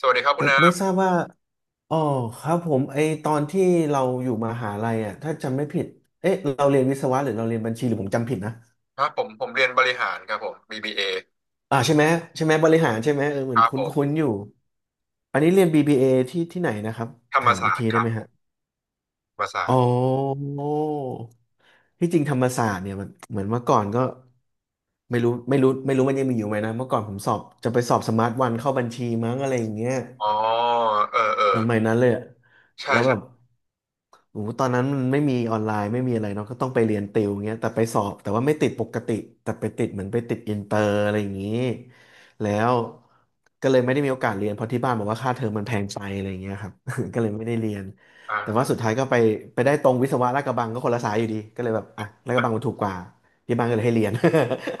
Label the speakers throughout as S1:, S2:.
S1: สวัสดีครับคุ
S2: ไม่
S1: ณ
S2: ไม่
S1: นา
S2: ทราบว่าอ๋อครับผมไอตอนที่เราอยู่มหาลัยอ่ะถ้าจำไม่ผิดเอ๊ะเราเรียนวิศวะหรือเราเรียนบัญชีหรือผมจำผิดนะ
S1: ครับผมเรียนบริหารครับผม BBA
S2: อ่าใช่ไหมใช่ไหม บริหารใช่ไหมเออเห
S1: ค
S2: มือน
S1: รั
S2: ค
S1: บผม
S2: ุ้นๆอยู่อันนี้เรียน BBA ที่ที่ไหนนะครับ
S1: ธรรม
S2: ถามอี
S1: ศา
S2: ก
S1: สต
S2: ที
S1: ร์ค
S2: ได้
S1: รับ
S2: ไหม
S1: ผ
S2: ฮะ
S1: มธรรมศาส
S2: อ๋อ
S1: ตร์
S2: ที่จริงธรรมศาสตร์เนี่ยมันเหมือนเมื่อก่อนก็ไม่รู้มันยังมีอยู่ไหมนะ เมื่อก่อนผมสอบจะไปสอบสมาร์ทวันเข้าบัญชีมั้งอะไรอย่างเงี้ย
S1: อ๋อเออเออ
S2: เออไม่นั้นเลยอะ
S1: ใช่
S2: แล้วแบ
S1: ใช่
S2: บ โอ้โหตอนนั้นมันไม่มีออนไลน์ไม่มีอะไรเนาะก็ต้องไปเรียนติวเงี้ยแต่ไปสอบแต่ว่าไม่ติดปกติแต่ไปติดเหมือนไปติดอินเตอร์อะไรอย่างนี้แล้วก็เลยไม่ได้มีโอกาสเรียนเพราะที่บ้านบอกว่าค่าเทอมมันแพงไปอะไรอย่างเงี้ยครับ ก็เลยไม่ได้เรียน
S1: อ่
S2: แต่ว่าสุด
S1: า
S2: ท้ายก็ไปไปได้ตรงวิศวะลาดกระบังก็คนละสายอยู่ดีก็เลยแบบอ่ะลาดกระบังมันถูกกว่าที่บ้านก็เลยให้เรียน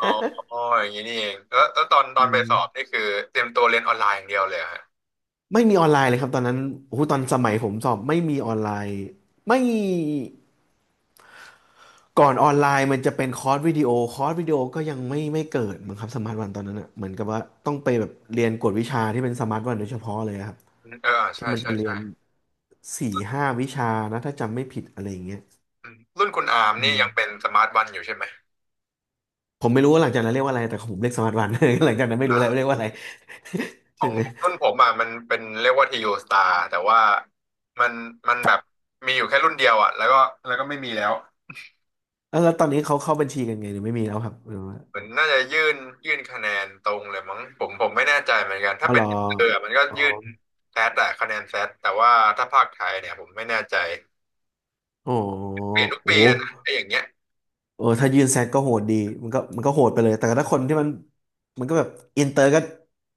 S1: อ๋อ อ๋ออย่างนี้นี่เองแล้วตอ
S2: อื
S1: นไปสอบนี่
S2: ม
S1: คือเตรียมตัวเรียนออนไลน์อย่างเดียวเลยเหรอฮะ
S2: ไม่มีออนไลน์เลยครับตอนนั้นโอ้โหตอนสมัยผมสอบไม่มีออนไลน์ไม่ ก่อนออนไลน์มันจะเป็นคอร์สวิดีโอคอร์สวิดีโอก็ยังไม่เกิดมั้งครับสมาร์ทวันตอนนั้นอ่ะเหมือนกับว่าต้องไปแบบเรียนกวดวิชาที่เป็นสมาร์ทวันโดยเฉพาะเลยอะครับ
S1: อืมเออใช่
S2: ที่มัน
S1: ใช่
S2: จะเรี
S1: ใช่
S2: ยนสี่ห้าวิชานะถ้าจำไม่ผิดอะไรอย่างเงี้ย
S1: อืมรุ่นคุณอาร์ม
S2: อื
S1: นี่ยังเป็
S2: ม
S1: นสมาร์ทวันอยู่ใช่ไหม
S2: ผมไม่รู้ว่าหลังจากนั้นเรียกว่าอะไรแต่ของผมเรียกสมาร์ทวัน หลังจากนั้นไม่รู้แล้วเรียกว่าอะไร
S1: ขอ
S2: ใช่
S1: ง
S2: ไหม
S1: รุ่นผมอ่ะมันเป็นเรียกว่าทีโอสตาร์แต่ว่ามันมันแบบมีอยู่แค่รุ่นเดียวอ่ะแล้วก็แล้วก็ไม่มีแล้ว
S2: แล้วตอนนี้เขาเข้าบัญชีกันไงหรือไม่มีแล้วครับหรือว่า
S1: เหมือนน่าจะยื่นคะแนนตรงเลยมั้งผมไม่แน่ใจเหมือนกัน
S2: อ๋
S1: ถ้า
S2: อ
S1: เป็
S2: เหร
S1: น
S2: อ
S1: เออมันก็
S2: อ๋อ
S1: ยื่นแซดอะคะแนนแซดแต่ว่าถ้าภาคไทยเนี่ยผมไม่แน่ใจ
S2: อ๋อ
S1: เปลี่ยนทุก
S2: โอ้
S1: ปีเลยนะ
S2: โห
S1: ไอ้อย่างเงี้ย
S2: เออถ้ายื่นแซดก็โหดดีมันก็โหดไปเลยแต่ถ้าคนที่มันมันก็แบบอินเตอร์ก็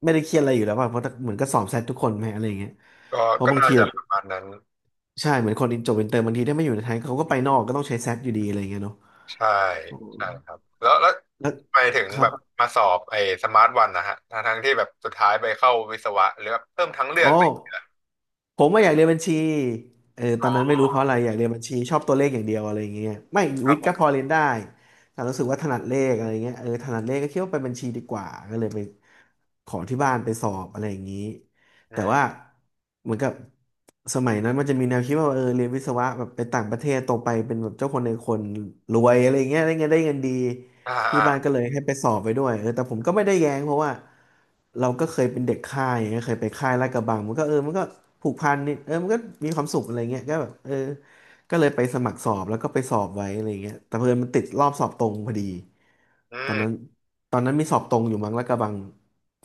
S2: ไม่ได้เครียดอะไรอยู่แล้วป่ะเพราะเหมือนก็สอบแซดทุกคนไหมอะไรอย่างเงี้ย
S1: ก็
S2: เพราะ
S1: ก็
S2: บาง
S1: น่า
S2: ที
S1: จะ
S2: แบบ
S1: ประมาณนั้น
S2: ใช่เหมือนคนจบอินเตอร์บางทีถ้าไม่อยู่ในไทยเขาก็ไปนอกก็ต้องใช้แซดอยู่ดีอะไรอย่างเงี้ยเนาะ
S1: ใช่ใช่ครับแล้ว
S2: แล้ว
S1: ทำไมถึง
S2: ครั
S1: แบ
S2: บ
S1: บมาสอบไอ้สมาร์ทวันนะฮะทั้งที่แบบสุดท้ายไปเข้าวิศวะหรือแบบเพิ่มทั้งเลือ
S2: อ๋อ
S1: กอะไร
S2: ผมว่าอยากเรียนบัญชีเออต
S1: อ๋
S2: อ
S1: อ
S2: นนั้นไม่รู้เพราะอะไรอยากเรียนบัญชีชอบตัวเลขอย่างเดียวอะไรอย่างเงี้ยไม่
S1: ครั
S2: วิ
S1: บ
S2: ท
S1: ผ
S2: ย์ก็พ
S1: ม
S2: อเรียนได้แต่รู้สึกว่าถนัดเลขอะไรเงี้ยเออถนัดเลขก็คิดว่าไปบัญชีดีกว่าก็เลยไปขอที่บ้านไปสอบอะไรอย่างนี้
S1: อื
S2: แต่ว่า
S1: ม
S2: เหมือนกับสมัยนั้นมันจะมีแนวคิดว่าเออเรียนวิศวะแบบไปต่างประเทศโตไปเป็นแบบเจ้าคนในคนรวยอะไรเงี้ยได้เงินดี
S1: อ่า
S2: ที่
S1: อ่า
S2: บ้านก็เลยให้ไปสอบไปด้วยเออแต่ผมก็ไม่ได้แย้งเพราะว่าเราก็เคยเป็นเด็กค่ายอย่างเงี้ยเคยไปค่ายลาดกระบังมันก็เออมันก็ผูกพันนิดเออมันก็มีความสุขอะไรเงี้ยก็แบบเออ ก็เลยไปสมัครสอบแล้วก็ไปสอบไว้อะไรเงี้ยแต่เพื่อนมันติดรอบสอบตรงพอดี
S1: อื
S2: ตอนนั้น
S1: ม
S2: ตอนนั้นมีสอบตรงอยู่มั้งแล้วกระบัง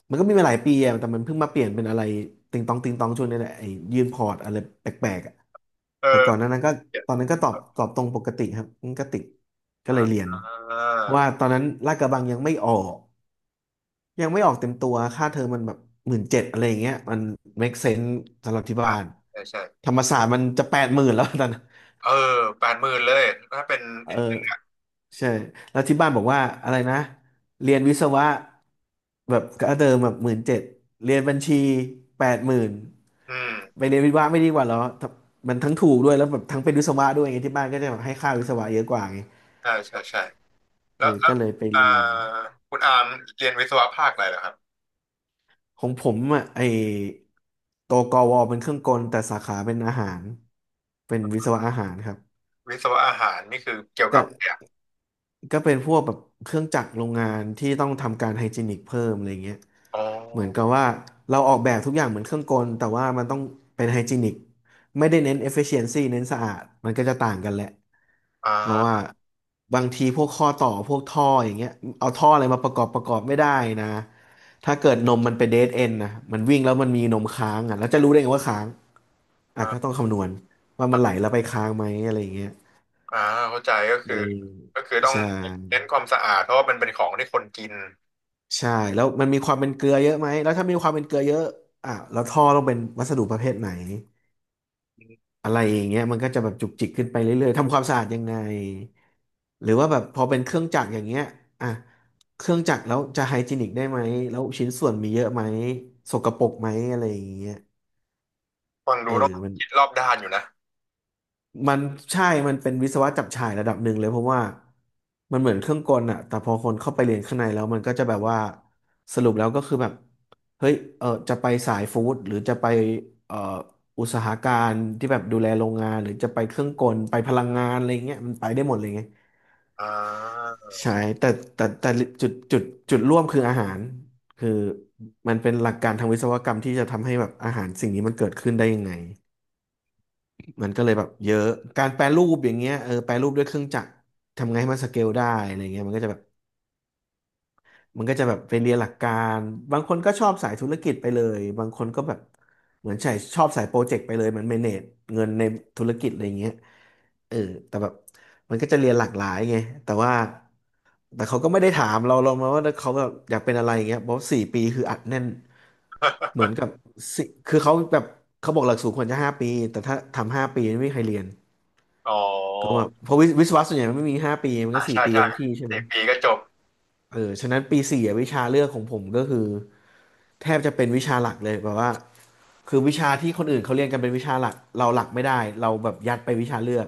S2: มันก็มีมาหลายปีอะแต่มันเพิ่งมาเปลี่ยนเป็นอะไรติงตองติงตองช่วงนี้แหละไอ้ยื่นพอร์ตอะไรแปลกๆอะแต่ก่อนห
S1: เออ
S2: นานั้นก็ตอนนั้นก็ตอบตรงปกติครับมันก็ติดก็เล
S1: อ่า
S2: ยเรียน
S1: อ่า
S2: เพราะว่าตอนนั้นลาดกระบังยังไม่ออกยังไม่ออกเต็มตัวค่าเทอมมันแบบหมื่นเจ็ดอะไรอย่างเงี้ยมัน make sense สำหรับที่บ้า
S1: อ่ะ
S2: น
S1: ใช่ใช่
S2: ธรรมศาสตร์มันจะแปดหมื่นแล้ว ตอนนั้น
S1: เออแปดหมื่นเลยถ้าเป็น
S2: เออ
S1: อิน
S2: ใช่แล้วที่บ้านบอกว่าอะไรนะเรียนวิศวะแบบก็เดิมแบบหมื่นเจ็ดเรียนบัญชีแปดหมื่น
S1: อืม
S2: ไปเรียนวิศวะไม่ดีกว่าเหรอถ้ามันทั้งถูกด้วยแล้วแบบทั้งเป็นวิศวะด้วยไงที่บ้านก็จะแบบให้ค่าวิศวะเยอะกว่าไง
S1: ใช่ใช่ใช่
S2: เอ
S1: แล้ว
S2: อ
S1: แล้
S2: ก็
S1: ว
S2: เลยไป
S1: อ่า
S2: เรียน
S1: คุณอามเรียนวิศวะภาคอะไรเหรอครับ
S2: ของผมอ่ะไอตัวกวเป็นเครื่องกลแต่สาขาเป็นอาหารเป็นวิศวะอาหารครับ
S1: วิศวะอาหารนี่คือเกี่ยวกั
S2: ก็
S1: บเนี่ย
S2: ก็เป็นพวกแบบเครื่องจักรโรงงานที่ต้องทำการไฮจีนิกเพิ่มอะไรเงี้ย
S1: อ๋อ
S2: เหมือนกับว่าเราออกแบบทุกอย่างเหมือนเครื่องกลแต่ว่ามันต้องเป็นไฮจีนิกไม่ได้เน้น efficiency เน้นสะอาดมันก็จะต่างกันแหละ
S1: อ่
S2: เพราะว่า
S1: า
S2: บางทีพวกข้อต่อพวกท่ออย่างเงี้ยเอาท่ออะไรมาประกอบไม่ได้นะถ้าเกิดนมมันเป็นเดดเอนนะมันวิ่งแล้วมันมีนมค้างอ่ะแล้วจะรู้ได้ไงว่าค้างอ่ะก็ต้อ
S1: อ่า
S2: งคำนวณว่ามันไหลแล้วไปค้างไหมอะไรอย่างเงี้ย
S1: อ่าเข้าใจก็
S2: เออ
S1: คือก็คือต้อง
S2: ใช่
S1: เน้นความสะอาดเพราะว่ามันเป็นของที่คนกิน
S2: ใช่แล้วมันมีความเป็นเกลือเยอะไหมแล้วถ้ามีความเป็นเกลือเยอะอ่ะแล้วท่อต้องเป็นวัสดุประเภทไหนอะไรอย่างเงี้ยมันก็จะแบบจุกจิกขึ้นไปเรื่อยๆทำความสะอาดยังไงหรือว่าแบบพอเป็นเครื่องจักรอย่างเงี้ยอ่ะเครื่องจักรแล้วจะไฮจีนิกได้ไหมแล้วชิ้นส่วนมีเยอะไหมสกปรกไหมอะไรอย่างเงี้ย
S1: ฟัง
S2: เอ
S1: ดู
S2: อ
S1: ต้อง
S2: มัน
S1: คิดรอบด้านอยู่นะ
S2: มันใช่มันเป็นวิศวะจับฉ่ายระดับหนึ่งเลยเพราะว่ามันเหมือนเครื่องกลอะแต่พอคนเข้าไปเรียนข้างในแล้วมันก็จะแบบว่าสรุปแล้วก็คือแบบเฮ้ยเออจะไปสายฟู้ดหรือจะไปเอ่ออุตสาหการที่แบบดูแลโรงงานหรือจะไปเครื่องกลไปพลังงานอะไรเงี้ยมันไปได้หมดเลยไง
S1: อ่า
S2: ใช่แต่แต่จุดจุดจุดร่วมคืออาหารคือมันเป็นหลักการทางวิศวกรรมที่จะทำให้แบบอาหารสิ่งนี้มันเกิดขึ้นได้ยังไง มันก็เลยแบบเยอะการแปรรูปอย่างเงี้ยเออแปรรูปด้วยเครื่องจักรทำไงให้มันสเกลได้อะไรเงี้ยมันก็จะแบบมันก็จะแบบไปเรียนหลักการบางคนก็ชอบสายธุรกิจไปเลยบางคนก็แบบเหมือนใช่ชอบสายโปรเจกต์ไปเลยเหมันเมเนจเงินในธุรกิจอะไรเงี้ยเออแต่แบบมันก็จะเรียนหลากหลายไงแต่ว่าแต่เขาก็ไม่ได้ถามเรามาว่าเขาแบบอยากเป็นอะไรอย่างเงี้ยเพราะสี่ปีคืออัดแน่นเหมือนกับสิคือเขาแบบเขาบอกหลักสูตรควรจะห้าปีแต่ถ้าทำห้าปีไม่มีใครเรียน
S1: อ๋
S2: ก็
S1: อ
S2: แบบเพราะวิศวะส่วนใหญ่มันไม่มีห้าปีมัน
S1: อ่า
S2: ก็สี่
S1: ใช่
S2: ปีกั
S1: ใช่
S2: นทุกที่ใช่ไหม
S1: สี่ปีก็จบ
S2: เออฉะนั้นปีสี่อะวิชาเลือกของผมก็คือแทบจะเป็นวิชาหลักเลยแบบว่าคือวิชาที่คนอื่นเขาเรียนกันเป็นวิชาหลักเราหลักไม่ได้เราแบบยัดไปวิชาเลือก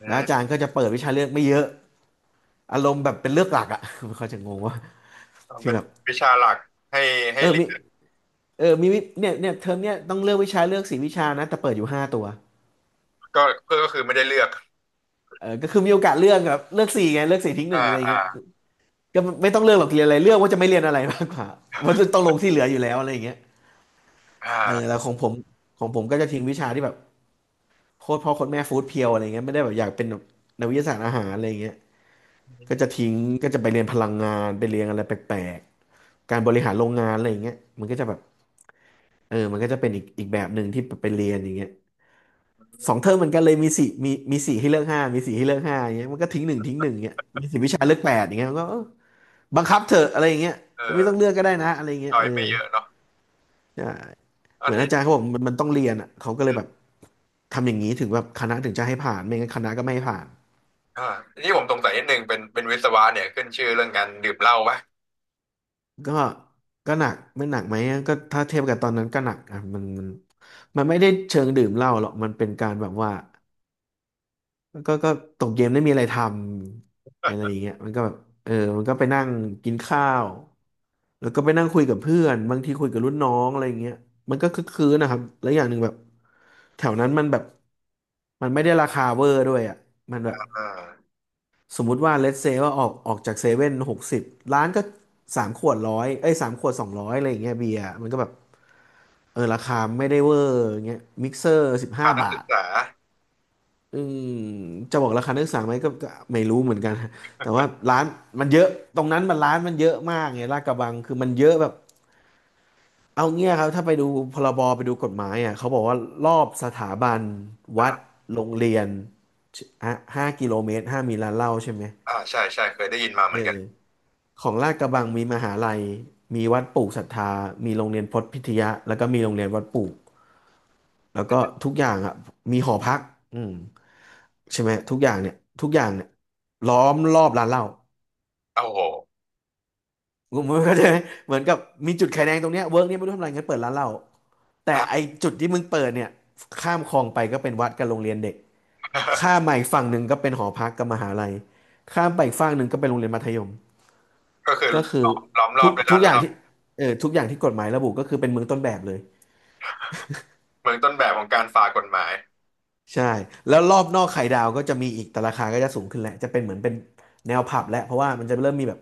S1: อื
S2: แล้วอา
S1: ม
S2: จารย์ก็จะเปิดวิชาเลือกไม่เยอะอารมณ์แบบเป็นเลือกหลักอ่ะ เขาจะงงว่าคือ
S1: เป็น
S2: แบบ
S1: วิชาหลักให้
S2: เออ
S1: เรี
S2: มี
S1: ยน
S2: มีวิเนี่ยเนี่ยเทอมเนี่ยต้องเลือกวิชาเลือกสี่วิชานะแต่เปิดอยู่ห้าตัว
S1: ก็เพื่อก็คือไม่ได้เลือก
S2: เออก็คือมีโอกาสเลือกแบบเลือกสี่ไงเลือกสี่ทิ้งห
S1: อ่า
S2: นึ่งอะไร
S1: อ่า
S2: เงี้ย ก็ไม่ต้องเลือกหรอกเรียนอะไรเลือกว่าจะไม่เรียนอะไรมากกว่า มันต้องลงที่เหลืออยู่แล้วอะไรอย่างเงี้ย
S1: อ่
S2: เออแล้
S1: า
S2: วของผมก็จะทิ้งวิชาที่แบบโคตรพ่อโคตรแม่ฟู้ดเพียวอะไรเงี้ยไม่ได้แบบอยากเป็นแบบนักวิทยาศาสตร์อาหารอะไรเงี้ย
S1: อื
S2: ก็จะ
S1: ม
S2: ทิ้งก็จะไปเรียนพลังงานไปเรียนอะไรแปลกๆการบริหารโรงงานอะไรเงี้ยมันก็จะแบบเออมันก็จะเป็นอีกแบบหนึ่งที่ไปเรียนอย่างเงี้ย2 เทอมเหมือนกันเลยมีสี่ให้เลือกห้ามีสี่ให้เลือกห้าอย่างเงี้ยมันก็ทิ้งหนึ่งทิ้งหนึ่งเงี้ยมีสี่วิชาเลือกแปดอย่างเงี้ยมันก็เออบังคับเถอะอะไรอย่างเงี้ย
S1: เอ
S2: ไม่
S1: อ
S2: ต้องเลือกก็ได้นะอะไรอย่างเงี้
S1: ช
S2: ย
S1: อ
S2: เอ
S1: ย
S2: อ
S1: ไม่เยอะเนาะ
S2: ใช่
S1: อั
S2: เห
S1: น
S2: มือนอาจารย์
S1: ที่
S2: เขาบอกมันต้องเรียนอ่ะเขาก็เลยแบบทำอย่างนี้ถึงแบบคณะถึงจะให้ผ่านไม่งั้นคณะก็ไม่ให้ผ่าน
S1: อ่าที่ผมสงสัยนิดนึงเป็นวิศวะเนี่ยขึ้นชื่อเรื่องการดื่มเหล้าปะ
S2: ก็ก็หนักไม่หนักไหมก็ถ้าเทียบกับตอนนั้นก็หนักอ่ะมันไม่ได้เชิงดื่มเหล้าหรอกมันเป็นการแบบว่าก็ตกเย็นไม่มีอะไรทำอะไรอย่างเงี้ยมันก็แบบเออมันก็ไปนั่งกินข้าวแล้วก็ไปนั่งคุยกับเพื่อนบางทีคุยกับรุ่นน้องอะไรอย่างเงี้ยมันก็คึกคืนนะครับแล้วอย่างหนึ่งแบบแถวนั้นมันแบบมันไม่ได้ราคาเวอร์ด้วยอ่ะมันแบบ
S1: อ่า
S2: สมมุติว่าเล s เซว่าออกจากเซเว่น60ร้านก็สามขวดร้อยเอ้ยสามขวด200อะไรอย่างเงี้ยเบียร์มันก็แบบเออราคาไม่ได้เวอร์อย่างเงี้ยมิกเซอร์สิบห้า
S1: พานัก
S2: บา
S1: ศึก
S2: ท
S1: ษา
S2: อืมจะบอกราคานักศึกษาไหมก็ไม่รู้เหมือนกัน แต่ว่าร้านมันเยอะตรงนั้นมันร้านมันเยอะมากไงลาดกระบังคือมันเยอะแบบเอาเงี้ยครับถ้าไปดูพรบไปดูกฎหมายอ่ะเขาบอกว่ารอบสถาบันวัด
S1: อ่า
S2: โรงเรียนห้ากิโลเมตรห้ามมีร้านเหล้าใช่ไหม
S1: อ่าใช่ใช่เคยได้ยินมาเหมื
S2: เอ
S1: อนกัน
S2: อ ของลาดกระบังมีมหาลัยมีวัดปลูกศรัทธา มีโรงเรียนพจน์พิทยะแล้วก็มีโรงเรียนวัดปลูกแล้วก็ทุกอย่างอ่ะมีหอพักอืมใช่ไหมทุกอย่างเนี่ยทุกอย่างเนี่ยล้อมรอบร้านเหล้า
S1: โอ้โห
S2: คมณเข้าใจไหมเหมือนกับมีจุดไข่แดงตรงเนี้ยเวิร์กเนี้ยไม่รู้ทำอะไรงั้นเปิดร้านเหล้า แต่
S1: อ่า
S2: ไอจุดที่มึงเปิดเนี่ยข้ามคลองไปก็เป็นวัดกับโรงเรียนเด็กข้าม มาอีกฝั่งหนึ่งก็เป็นหอพักกับมหาลัยข้ามไปอีกฝั่งหนึ่งก็เป็นโรงเรียนมัธยม
S1: ก็คือ
S2: ก็คือ
S1: ล้อมรอ
S2: ทุ
S1: บ
S2: ก
S1: ด้วย
S2: ทุ
S1: ร้า
S2: ก
S1: น
S2: อ
S1: เห
S2: ย่าง
S1: ล้า
S2: ที่เออทุกอย่างที่กฎหมายระบุก็คือเป็นเมืองต้นแบบเลย
S1: เมืองต้นแบบของการฝ่ากฎหมาย
S2: ใช่แล้วรอบนอกไข่ดาวก็จะมีอีกแต่ราคาก็จะสูงขึ้นแหละจะเป็นเหมือนเป็นแนวผับแหละเพราะว่ามันจะเริ่มมีแบบ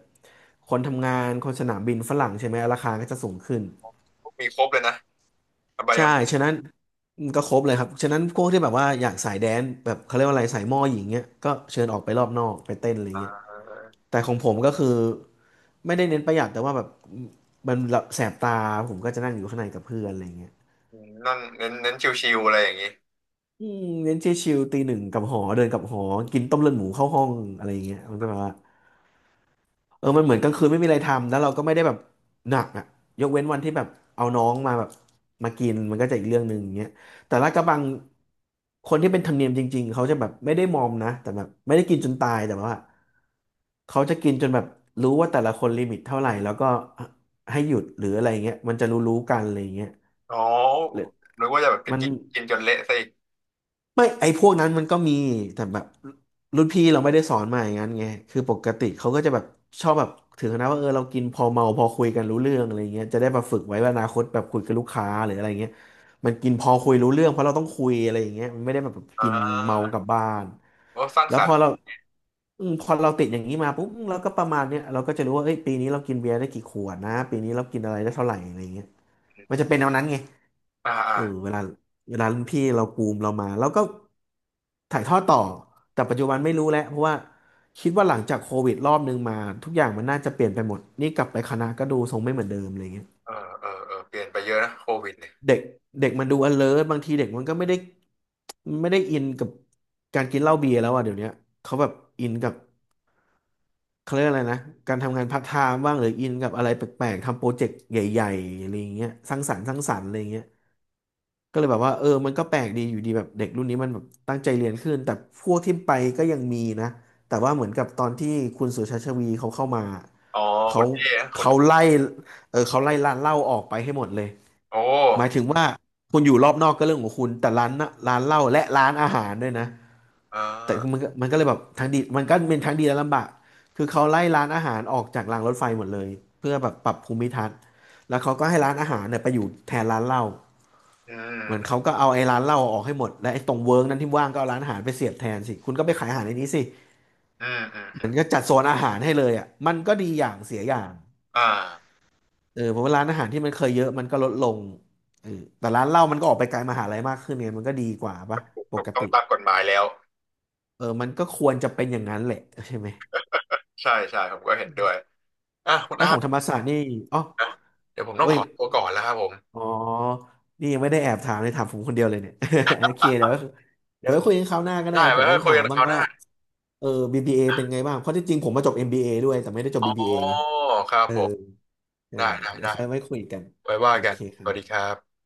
S2: คนทำงานคนสนามบินฝรั่งใช่ไหมราคาก็จะสูงขึ้น
S1: มีครบเลยนะอบาย
S2: ใช่
S1: มุข
S2: ฉะนั้นก็ครบเลยครับฉะนั้นพวกที่แบบว่าอยากสายแดนซ์แบบเขาเรียกว่าอะไรสายหม้อหญิงเงี้ยก็เชิญออกไปรอบนอกไปเต้นอะไรเงี้ย
S1: เออ
S2: แต่ของผมก็คือไม่ได้เน้นประหยัดแต่ว่าแบบมันแบบแสบตาผมก็จะนั่งอยู่ข้างในกับเพื่อนอะไรเงี้ย
S1: นั่งเน้นชิวๆอะไรอย่างนี้
S2: อืมเน้นชิลๆตีหนึ่งกลับหอเดินกลับหอกินต้มเลือดหมูเข้าห้องอะไรอย่างเงี้ยมันก็แบบว่าเออมันเหมือนกลางคืนไม่มีอะไรทำแล้วเราก็ไม่ได้แบบหนักอ่ะยกเว้นวันที่แบบเอาน้องมาแบบมากินมันก็จะอีกเรื่องหนึ่งอย่างเงี้ยแต่ลาดกระบังคนที่เป็นธรรมเนียมจริงๆเขาจะแบบไม่ได้มอมนะแต่แบบไม่ได้กินจนตายแต่ว่าเขาจะกินจนแบบรู้ว่าแต่ละคนลิมิตเท่าไหร่แล้วก็ให้หยุดหรืออะไรเงี้ยมันจะรู้ๆกันอะไรเงี้ย
S1: อ๋อ
S2: หรือ
S1: นึกว่าจะแบบไป
S2: มัน
S1: กินกินจนเละซะอีก
S2: ไม่ไอ้พวกนั้นมันก็มีแต่แบบรุ่นพี่เราไม่ได้สอนมาอย่างนั้นไงคือปกติเขาก็จะแบบชอบแบบถึงขนาดว่าเออเรากินพอเมาพอคุยกันรู้เรื่องอะไรเงี้ยจะได้มาฝึกไว้ว่าอนาคตแบบคุยกับลูกค้าหรืออะไรเงี้ยมันกินพอคุยรู้เรื่องเพราะเราต้องคุยอะไรอย่างเงี้ยมันไม่ได้แบบ
S1: อ่
S2: กินเมา
S1: า
S2: กลับบ้าน
S1: โอ้สร้าง
S2: แล้
S1: ส
S2: ว
S1: ร
S2: พ
S1: ร
S2: อ
S1: ค์
S2: เราพอเราติดอย่างนี้มาปุ๊บเราก็ประมาณเนี้ยเราก็จะรู้ว่าเอ้ยปีนี้เรากินเบียร์ได้กี่ขวดนะปีนี้เรากินอะไรได้เท่าไหร่อะไรเงี้ยมันจะเป็นแนวนั้นไง
S1: อ่าอ่า
S2: เออเวลารุ่นพี่เราปูมเรามาแล้วก็ถ่ายทอดต่อแต่ปัจจุบันไม่รู้แล้วเพราะว่าคิดว่าหลังจากโควิดรอบนึงมาทุกอย่างมันน่าจะเปลี่ยนไปหมดนี่กลับไปคณะก็ดูทรงไม่เหมือนเดิมอะไรเงี้ย
S1: เออเออเออเปลี่ยนไปเยอะนะโควิดเนี่ย
S2: เด็กเด็กมันดู alert บางทีเด็กมันก็ไม่ได้อินกับการกินเหล้าเบียร์แล้วอ่ะเดี๋ยวเนี้ยเขาแบบอินกับเขาเรียกอะไรนะการทำงานพาร์ทไทม์บ้างหรืออินกับอะไรแปลกๆทำโปรเจกต์ใหญ่ๆอะไรอย่างเงี้ยสร้างสรรค์อะไรอย่างเงี้ย ก็เลยแบบว่าเออมันก็แปลกดีอยู่ดีแบบเด็กรุ่นนี้มันแบบตั้งใจเรียนขึ้นแต่พวกที่ไปก็ยังมีนะแต่ว่าเหมือนกับตอนที่คุณสุชาชวีเขาเข้ามา
S1: อ๋อ
S2: เขา
S1: คุณเอคุณ
S2: เขาไล่เออเขาไล่ร้านเหล้าออกไปให้หมดเลย
S1: โอ้
S2: หมายถึงว่าคุณอยู่รอบนอกก็เรื่องของคุณแต่ร้านน่ะร้านเหล้าและร้านอาหารด้วยนะ
S1: เออ
S2: แต่มันก็เลยแบบทั้งดีมันก็เป็นทั้งดีและลำบากคือเขาไล่ร้านอาหารออกจากรางรถไฟหมดเลยเพื่อแบบปรับภูมิทัศน์แล้วเขาก็ให้ร้านอาหารเนี่ยไปอยู่แทนร้านเหล้า
S1: อื
S2: เหมือน
S1: ม
S2: เขาก็เอาไอ้ร้านเหล้าออกให้หมดและไอ้ตรงเวิร์กนั้นที่ว่างก็เอาร้านอาหารไปเสียบแทนสิคุณก็ไปขายอาหารในนี้สิ
S1: อืมอืมอื
S2: มั
S1: ม
S2: นก็จัดโซนอาหารให้เลยอ่ะมันก็ดีอย่างเสียอย่าง
S1: อ่า
S2: เออเพราะว่าร้านอาหารที่มันเคยเยอะมันก็ลดลงเออแต่ร้านเหล้ามันก็ออกไปไกลมหาลัยมากขึ้นเนี่ยมันก็ดีกว่าปะป
S1: ถูก
S2: ก
S1: ต้อ
S2: ติ
S1: งตามกฎหมายแล้ว
S2: เออมันก็ควรจะเป็นอย่างนั้นแหละใช่ไหม
S1: ใช่ใช่ผมก็เห็นด้วยอ่ะคุณ
S2: แล้ว
S1: อา
S2: ขอ
S1: ร์ต
S2: งธรรมศาสตร์นี่อ๋อ
S1: นะเดี๋ยวผมต้อง
S2: เว้
S1: ข
S2: ย
S1: อตัวก่อนแล้วครับผม
S2: อ๋อ นี่ยังไม่ได้แอบถามเลยถามผมคนเดียวเลยเนี่ย โอเคเดี๋ยวไว้คุยกันคราวหน้าก็ได้
S1: ได้
S2: ผ
S1: ไว้
S2: ม
S1: ค่
S2: ต้
S1: อ
S2: อ
S1: ย
S2: ง
S1: คุย
S2: ถา
S1: กั
S2: ม
S1: นค
S2: บ้าง
S1: ราวห
S2: ว่า
S1: น้า
S2: เออ BBA เอเป็นไงบ้างเพราะที่จริงผมมาจบ MBA ด้วยแต่ไม่ได้จบ
S1: อ๋
S2: BBA ไง
S1: อครับ
S2: เออ
S1: ผม
S2: ได้
S1: ได้ได้
S2: เดี๋ยว
S1: ได้
S2: ค่อยไว้คุยกัน
S1: ไว้ว่า
S2: โอ
S1: กัน
S2: เคค
S1: ส
S2: รั
S1: วั
S2: บ
S1: สดีครับ